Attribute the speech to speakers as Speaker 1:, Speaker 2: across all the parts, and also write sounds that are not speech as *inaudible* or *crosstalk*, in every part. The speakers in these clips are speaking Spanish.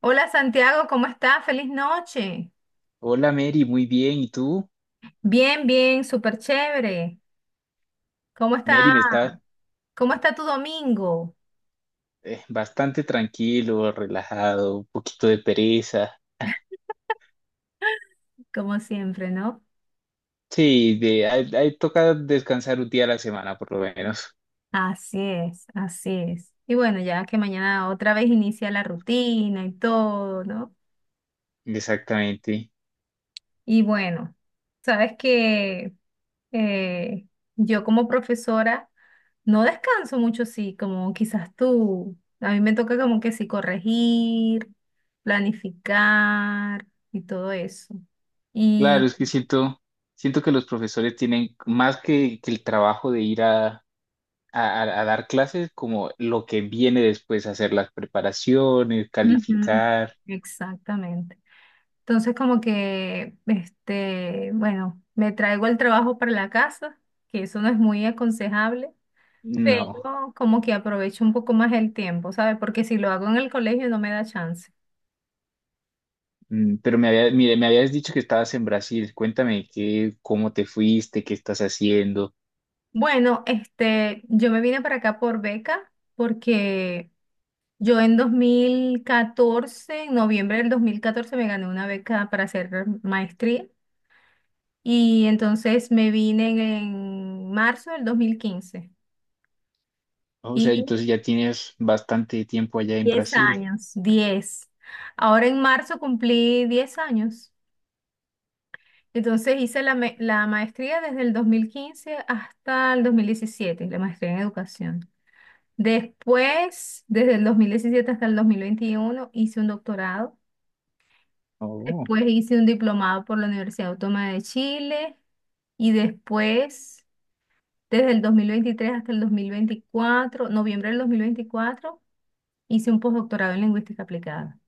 Speaker 1: Hola Santiago, ¿cómo estás? Feliz noche.
Speaker 2: Hola Mary, muy bien. ¿Y tú?
Speaker 1: Bien, bien, súper chévere. ¿Cómo
Speaker 2: Mary,
Speaker 1: está?
Speaker 2: me está
Speaker 1: ¿Cómo está tu domingo?
Speaker 2: bastante tranquilo, relajado, un poquito de pereza.
Speaker 1: Como siempre, ¿no?
Speaker 2: Sí, de, ahí toca descansar un día a la semana por lo menos.
Speaker 1: Así es, así es. Y bueno, ya que mañana otra vez inicia la rutina y todo, ¿no?
Speaker 2: Exactamente.
Speaker 1: Y bueno, sabes que eh, yo como profesora no descanso mucho, sí, como quizás tú. A mí me toca como que sí corregir, planificar y todo eso.
Speaker 2: Claro,
Speaker 1: Y
Speaker 2: es que siento que los profesores tienen más que el trabajo de ir a dar clases, como lo que viene después, hacer las preparaciones,
Speaker 1: ujú,
Speaker 2: calificar.
Speaker 1: exactamente. Entonces como que, este, bueno, me traigo el trabajo para la casa, que eso no es muy aconsejable.
Speaker 2: No.
Speaker 1: Pero como que aprovecho un poco más el tiempo, ¿sabes? Porque si lo hago en el colegio no me da chance.
Speaker 2: Pero me mire, me habías dicho que estabas en Brasil. Cuéntame cómo te fuiste, qué estás haciendo.
Speaker 1: Bueno, este, yo me vine para acá por beca porque yo en 2014, en noviembre del 2014, me gané una beca para hacer maestría y entonces me vine en, en marzo del 2015
Speaker 2: O sea,
Speaker 1: y
Speaker 2: entonces ya tienes bastante tiempo allá en
Speaker 1: 10
Speaker 2: Brasil.
Speaker 1: años, 10. Ahora en marzo cumplí 10 años. Entonces hice la, la maestría desde el 2015 hasta el 2017, la maestría en educación. Después, desde el 2017 hasta el 2021, hice un doctorado.
Speaker 2: Oh,
Speaker 1: Después hice un diplomado por la Universidad Autónoma de Chile. Y después, desde el 2023 hasta el 2024, noviembre del 2024, hice un postdoctorado en lingüística aplicada.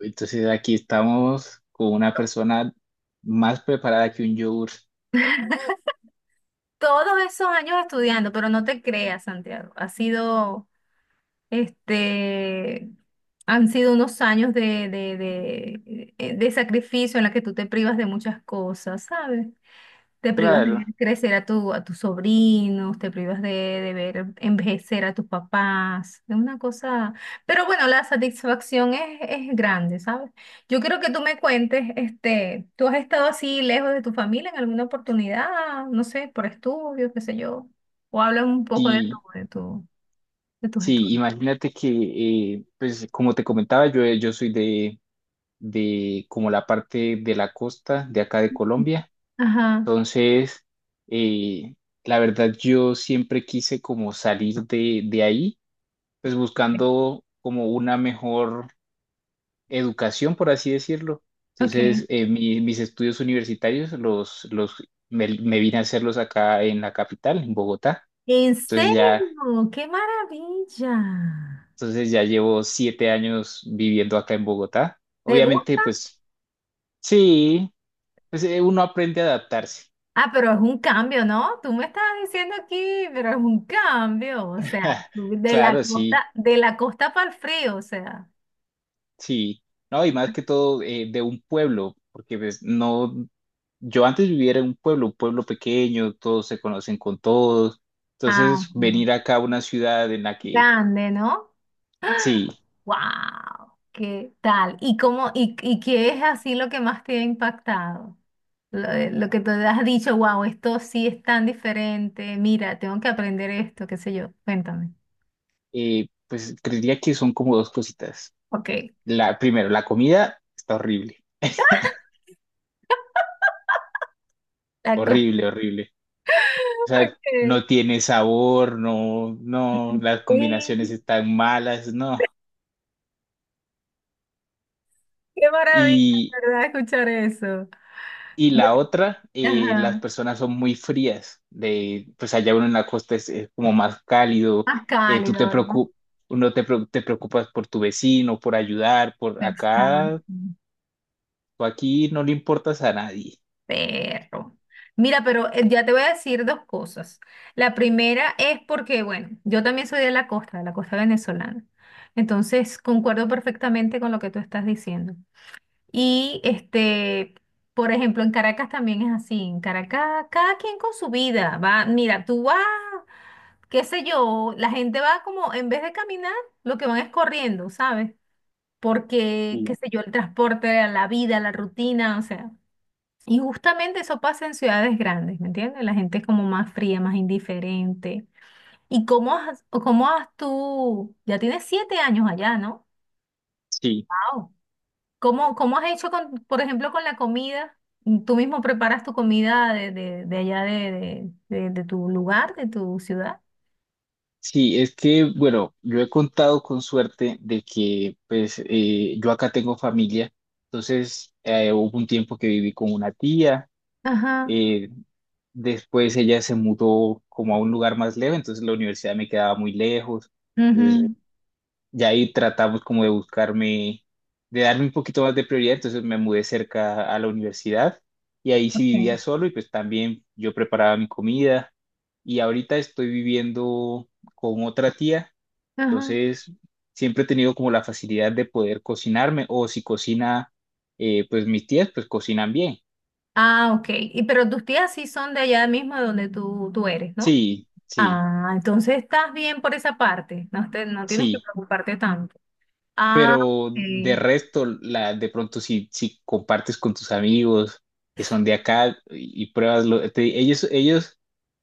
Speaker 2: entonces aquí estamos con una persona más preparada que un yogur.
Speaker 1: Todos esos años estudiando, pero no te creas, Santiago, ha sido este, han sido unos años de sacrificio en la que tú te privas de muchas cosas, ¿sabes? Te privas de
Speaker 2: Claro,
Speaker 1: ver crecer a a tus sobrinos, te privas de ver envejecer a tus papás, es una cosa. Pero bueno, la satisfacción es grande, ¿sabes? Yo quiero que tú me cuentes, este, ¿tú has estado así lejos de tu familia en alguna oportunidad? No sé, por estudios, qué sé yo. O habla un poco de
Speaker 2: sí,
Speaker 1: tu, de tus
Speaker 2: sí,
Speaker 1: estudios.
Speaker 2: imagínate que, pues como te comentaba, yo soy de como la parte de la costa de acá de Colombia.
Speaker 1: Ajá.
Speaker 2: Entonces, eh, la verdad yo siempre quise como salir de ahí, pues buscando como una mejor educación, por así decirlo.
Speaker 1: Ok.
Speaker 2: Entonces, mis estudios universitarios me vine a hacerlos acá en la capital, en Bogotá.
Speaker 1: ¿En
Speaker 2: Entonces ya,
Speaker 1: serio? ¡Qué maravilla!
Speaker 2: entonces ya llevo 7 años viviendo acá en Bogotá.
Speaker 1: ¿Te
Speaker 2: Obviamente,
Speaker 1: gusta?
Speaker 2: pues sí, pues uno aprende a adaptarse.
Speaker 1: Ah, pero es un cambio, ¿no? Tú me estabas diciendo aquí, pero es un cambio, o sea,
Speaker 2: *laughs* Claro, sí.
Speaker 1: de la costa para el frío, o sea.
Speaker 2: Sí, no, y más que todo de un pueblo, porque pues, no, yo antes vivía en un pueblo pequeño, todos se conocen con todos,
Speaker 1: Ah,
Speaker 2: entonces
Speaker 1: ok.
Speaker 2: venir acá a una ciudad en la que,
Speaker 1: Grande, ¿no?
Speaker 2: sí,
Speaker 1: ¡Wow! ¿Qué tal? ¿Y cómo, y qué es así lo que más te ha impactado? Lo que te has dicho, wow, esto sí es tan diferente, mira, tengo que aprender esto, qué sé yo, cuéntame.
Speaker 2: pues creería que son como dos cositas.
Speaker 1: Ok.
Speaker 2: Primero, la comida está horrible, horrible, horrible. O sea,
Speaker 1: Ok.
Speaker 2: no tiene sabor, no, no, las combinaciones
Speaker 1: Sí,
Speaker 2: están malas, no.
Speaker 1: qué maravilla, ¿verdad? Escuchar eso.
Speaker 2: Y la
Speaker 1: Bueno,
Speaker 2: otra, las
Speaker 1: ajá.
Speaker 2: personas son muy frías. De, pues allá uno en la costa es como más cálido.
Speaker 1: Más
Speaker 2: Tú
Speaker 1: cálido,
Speaker 2: te
Speaker 1: ¿verdad?
Speaker 2: preocup, uno te, preo- te preocupas por tu vecino, por ayudar, por acá,
Speaker 1: Exacto.
Speaker 2: tú aquí no le importas a nadie.
Speaker 1: Perro. Mira, pero ya te voy a decir dos cosas. La primera es porque, bueno, yo también soy de la costa venezolana. Entonces, concuerdo perfectamente con lo que tú estás diciendo. Y este, por ejemplo, en Caracas también es así. En Caracas, cada quien con su vida. Va, mira, tú vas. Qué sé yo, la gente va como, en vez de caminar, lo que van es corriendo, ¿sabes? Porque, qué
Speaker 2: Sí.
Speaker 1: sé yo, el transporte, la vida, la rutina, o sea. Y justamente eso pasa en ciudades grandes, ¿me entiendes? La gente es como más fría, más indiferente. ¿Y cómo has, o cómo has tú, ya tienes 7 años allá, ¿no?
Speaker 2: Sí,
Speaker 1: Wow. ¿Cómo, cómo has hecho, con, por ejemplo, con la comida? ¿Tú mismo preparas tu comida de allá de tu lugar, de tu ciudad?
Speaker 2: sí, es que, bueno, yo he contado con suerte de que, pues, yo acá tengo familia, entonces hubo un tiempo que viví con una tía,
Speaker 1: Ajá.
Speaker 2: eh, después ella se mudó como a un lugar más lejos, entonces la universidad me quedaba muy lejos. Entonces
Speaker 1: Ujú,
Speaker 2: ya ahí tratamos como de buscarme, de darme un poquito más de prioridad, entonces me mudé cerca a la universidad y ahí sí
Speaker 1: ok,
Speaker 2: vivía solo y pues también yo preparaba mi comida y ahorita estoy viviendo con otra tía,
Speaker 1: ajá.
Speaker 2: entonces siempre he tenido como la facilidad de poder cocinarme o si cocina, pues mis tías pues cocinan bien.
Speaker 1: Ah, ok. Y, pero tus tías sí son de allá mismo de donde tú eres, ¿no?
Speaker 2: Sí, sí,
Speaker 1: Ah, entonces estás bien por esa parte. No, no tienes que
Speaker 2: sí.
Speaker 1: preocuparte tanto. Ah,
Speaker 2: Pero de
Speaker 1: ok.
Speaker 2: resto, de pronto si compartes con tus amigos que son de acá y pruebas, ellos, ellos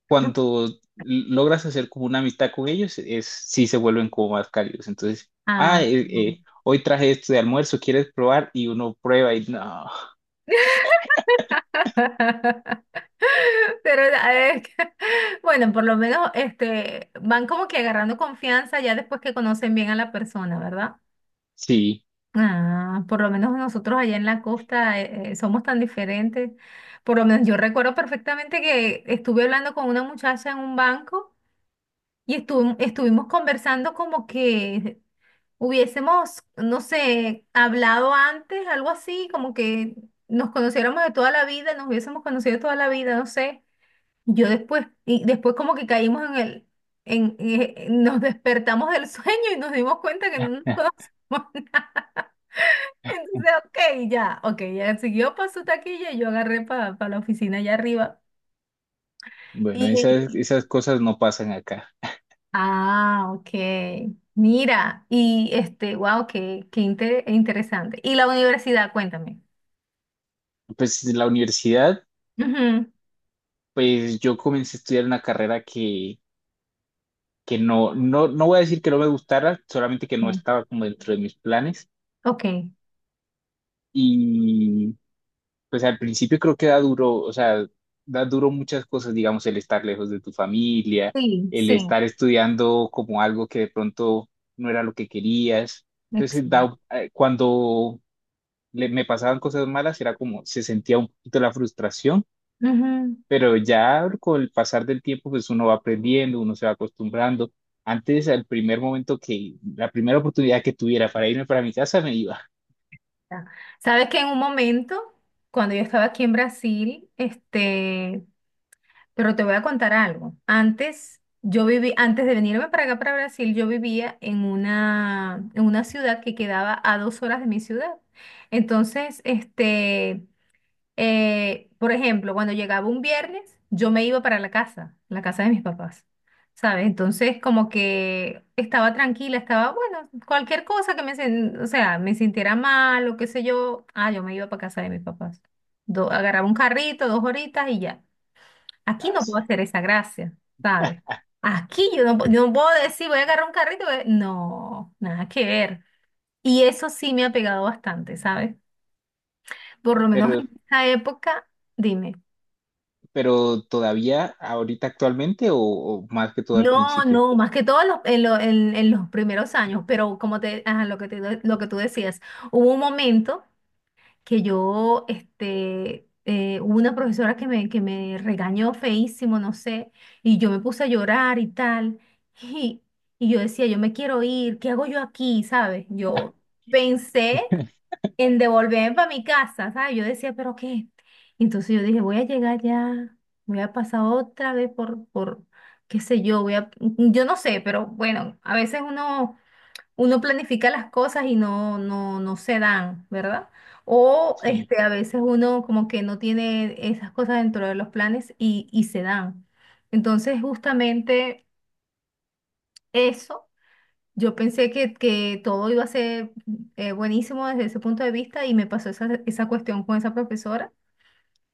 Speaker 2: cuando logras hacer como una amistad con ellos, es, sí se vuelven como más cálidos. Entonces,
Speaker 1: Ah.
Speaker 2: hoy traje esto de almuerzo, ¿quieres probar? Y uno prueba y no,
Speaker 1: *laughs* Pero eh, *laughs* bueno, por lo menos este, van como que agarrando confianza ya después que conocen bien a la persona, ¿verdad?
Speaker 2: sí.
Speaker 1: Ah, por lo menos nosotros allá en la costa somos tan diferentes. Por lo menos yo recuerdo perfectamente que estuve hablando con una muchacha en un banco y estuvimos conversando como que hubiésemos, no sé, hablado antes, algo así, como que nos conociéramos de toda la vida, nos hubiésemos conocido de toda la vida, no sé. Yo después, y después como que caímos en nos despertamos del sueño y nos dimos cuenta que no nos *laughs*
Speaker 2: *laughs*
Speaker 1: conocíamos entonces, ok, ya, ok, ya siguió para su taquilla y yo agarré para la oficina allá arriba.
Speaker 2: Bueno, esas,
Speaker 1: Y,
Speaker 2: esas cosas no pasan acá.
Speaker 1: ah, ok, mira, y este, wow, qué, qué interesante. Y la universidad, cuéntame.
Speaker 2: Pues en la universidad,
Speaker 1: Ujú,
Speaker 2: pues yo comencé a estudiar una carrera que no, no, no voy a decir que no me gustara, solamente que no
Speaker 1: ok,
Speaker 2: estaba como dentro de mis planes.
Speaker 1: ok,
Speaker 2: Y pues al principio creo que da duro, o sea, da duro muchas cosas, digamos, el estar lejos de tu familia,
Speaker 1: sí,
Speaker 2: el
Speaker 1: sí,
Speaker 2: estar estudiando como algo que de pronto no era lo que querías. Entonces,
Speaker 1: excelente.
Speaker 2: cuando me pasaban cosas malas, era como, se sentía un poquito la frustración.
Speaker 1: Ujú,
Speaker 2: Pero ya con el pasar del tiempo, pues uno va aprendiendo, uno se va acostumbrando. Antes, al primer la primera oportunidad que tuviera para irme para mi casa, me iba.
Speaker 1: ya. Sabes que en un momento, cuando yo estaba aquí en Brasil, este, pero te voy a contar algo. Antes, yo viví, antes de venirme para acá, para Brasil, yo vivía en una ciudad que quedaba a 2 horas de mi ciudad. Entonces, este, por ejemplo, cuando llegaba un viernes, yo me iba para la casa de mis papás, ¿sabes? Entonces, como que estaba tranquila, estaba, bueno, cualquier cosa que me, o sea, me sintiera mal o qué sé yo, ah, yo me iba para casa de mis papás. Agarraba un carrito, dos horitas y ya. Aquí no puedo
Speaker 2: Así.
Speaker 1: hacer esa gracia, ¿sabes? Aquí yo no, yo no puedo decir, voy a agarrar un carrito. Voy No, nada que ver. Y eso sí me ha pegado bastante, ¿sabes? Por lo menos
Speaker 2: Pero,
Speaker 1: en esa época, dime.
Speaker 2: pero todavía, ahorita actualmente, o más que todo al
Speaker 1: No,
Speaker 2: principio.
Speaker 1: no, más que todo en los, en los primeros años, pero como te, ajá, lo que lo que tú decías, hubo un momento que yo, este, hubo una profesora que me regañó feísimo, no sé, y yo me puse a llorar y tal, y, y yo decía, yo me quiero ir, ¿qué hago yo aquí? ¿Sabes? Yo pensé en devolverme para mi casa, ¿sabes? Yo decía, ¿pero qué? Entonces yo dije, voy a llegar ya, voy a pasar otra vez qué sé yo, voy a, yo no sé, pero bueno, a veces uno planifica las cosas y no se dan, ¿verdad? O
Speaker 2: Sí,
Speaker 1: este, a veces uno como que no tiene esas cosas dentro de los planes y se dan. Entonces, justamente eso, yo pensé que todo iba a ser buenísimo desde ese punto de vista y me pasó esa, esa cuestión con esa profesora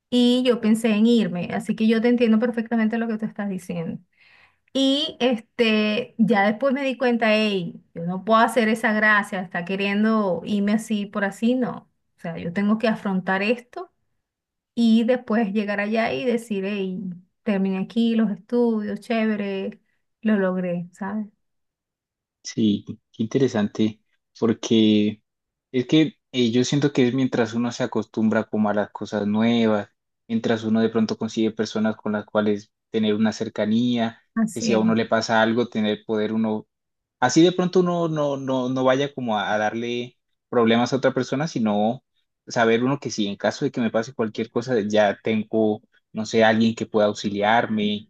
Speaker 1: y yo pensé en irme. Así que yo te entiendo perfectamente lo que tú estás diciendo. Y este, ya después me di cuenta, hey, yo no puedo hacer esa gracia, está queriendo irme así por así, no. O sea, yo tengo que afrontar esto y después llegar allá y decir, hey, terminé aquí los estudios, chévere, lo logré, ¿sabes?
Speaker 2: sí, qué interesante. Porque es que yo siento que es mientras uno se acostumbra como a las cosas nuevas, mientras uno de pronto consigue personas con las cuales tener una cercanía, que
Speaker 1: Así
Speaker 2: si a
Speaker 1: es,
Speaker 2: uno le pasa algo, tener poder uno así de pronto uno no, no, no vaya como a darle problemas a otra persona, sino saber uno que si en caso de que me pase cualquier cosa, ya tengo, no sé, alguien que pueda auxiliarme.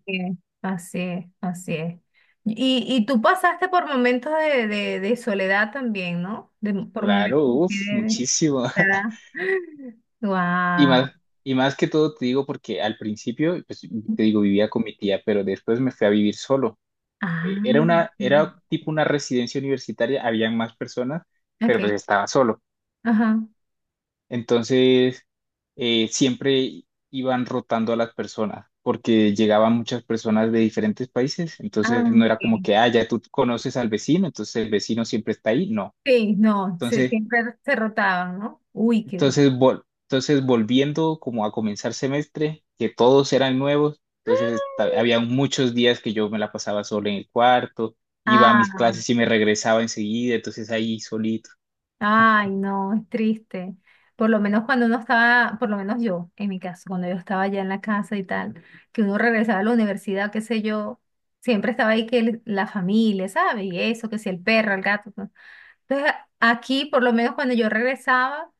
Speaker 1: así es, así es, así es. Y tú pasaste por momentos de soledad también, ¿no? De, por
Speaker 2: Claro,
Speaker 1: momentos de...
Speaker 2: uff,
Speaker 1: de,
Speaker 2: muchísimo. *laughs*
Speaker 1: ¿verdad?
Speaker 2: Y
Speaker 1: Wow.
Speaker 2: más, y más que todo te digo porque al principio, pues te
Speaker 1: *gasps*
Speaker 2: digo, vivía con mi tía, pero después me fui a vivir solo.
Speaker 1: Ah,
Speaker 2: Era una,
Speaker 1: sí.
Speaker 2: era tipo una residencia universitaria, habían más personas, pero pues
Speaker 1: Ok.
Speaker 2: estaba solo.
Speaker 1: Ajá.
Speaker 2: Entonces, siempre iban rotando a las personas porque llegaban muchas personas de diferentes países.
Speaker 1: Ah,
Speaker 2: Entonces, no
Speaker 1: ok.
Speaker 2: era como que, ah, ya tú conoces al vecino, entonces el vecino siempre está ahí. No.
Speaker 1: Sí, no,
Speaker 2: Entonces,
Speaker 1: siempre se rotaban, ¿no? Uy, qué.
Speaker 2: entonces volviendo como a comenzar semestre, que todos eran nuevos, entonces había muchos días que yo me la pasaba solo en el cuarto, iba a mis
Speaker 1: Ah,
Speaker 2: clases y me regresaba enseguida, entonces ahí solito.
Speaker 1: ay, no, es triste. Por lo menos cuando uno estaba, por lo menos yo, en mi caso, cuando yo estaba ya en la casa y tal, que uno regresaba a la universidad, qué sé yo, siempre estaba ahí que la familia, ¿sabes? Y eso, que si el perro, el gato. ¿No? Entonces, aquí, por lo menos cuando yo regresaba,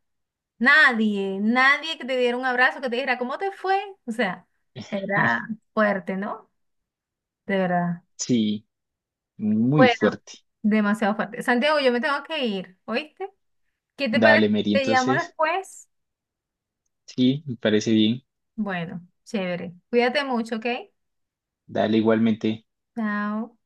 Speaker 1: nadie, nadie que te diera un abrazo, que te dijera, ¿cómo te fue? O sea, era fuerte, ¿no? De verdad.
Speaker 2: Sí, muy
Speaker 1: Bueno,
Speaker 2: fuerte.
Speaker 1: demasiado fuerte. Santiago, yo me tengo que ir, ¿oíste? ¿Qué te parece?
Speaker 2: Dale,
Speaker 1: Si
Speaker 2: Mary,
Speaker 1: te llamo
Speaker 2: entonces,
Speaker 1: después.
Speaker 2: sí, me parece bien.
Speaker 1: Bueno, chévere. Cuídate mucho, ¿ok?
Speaker 2: Dale igualmente.
Speaker 1: Chao.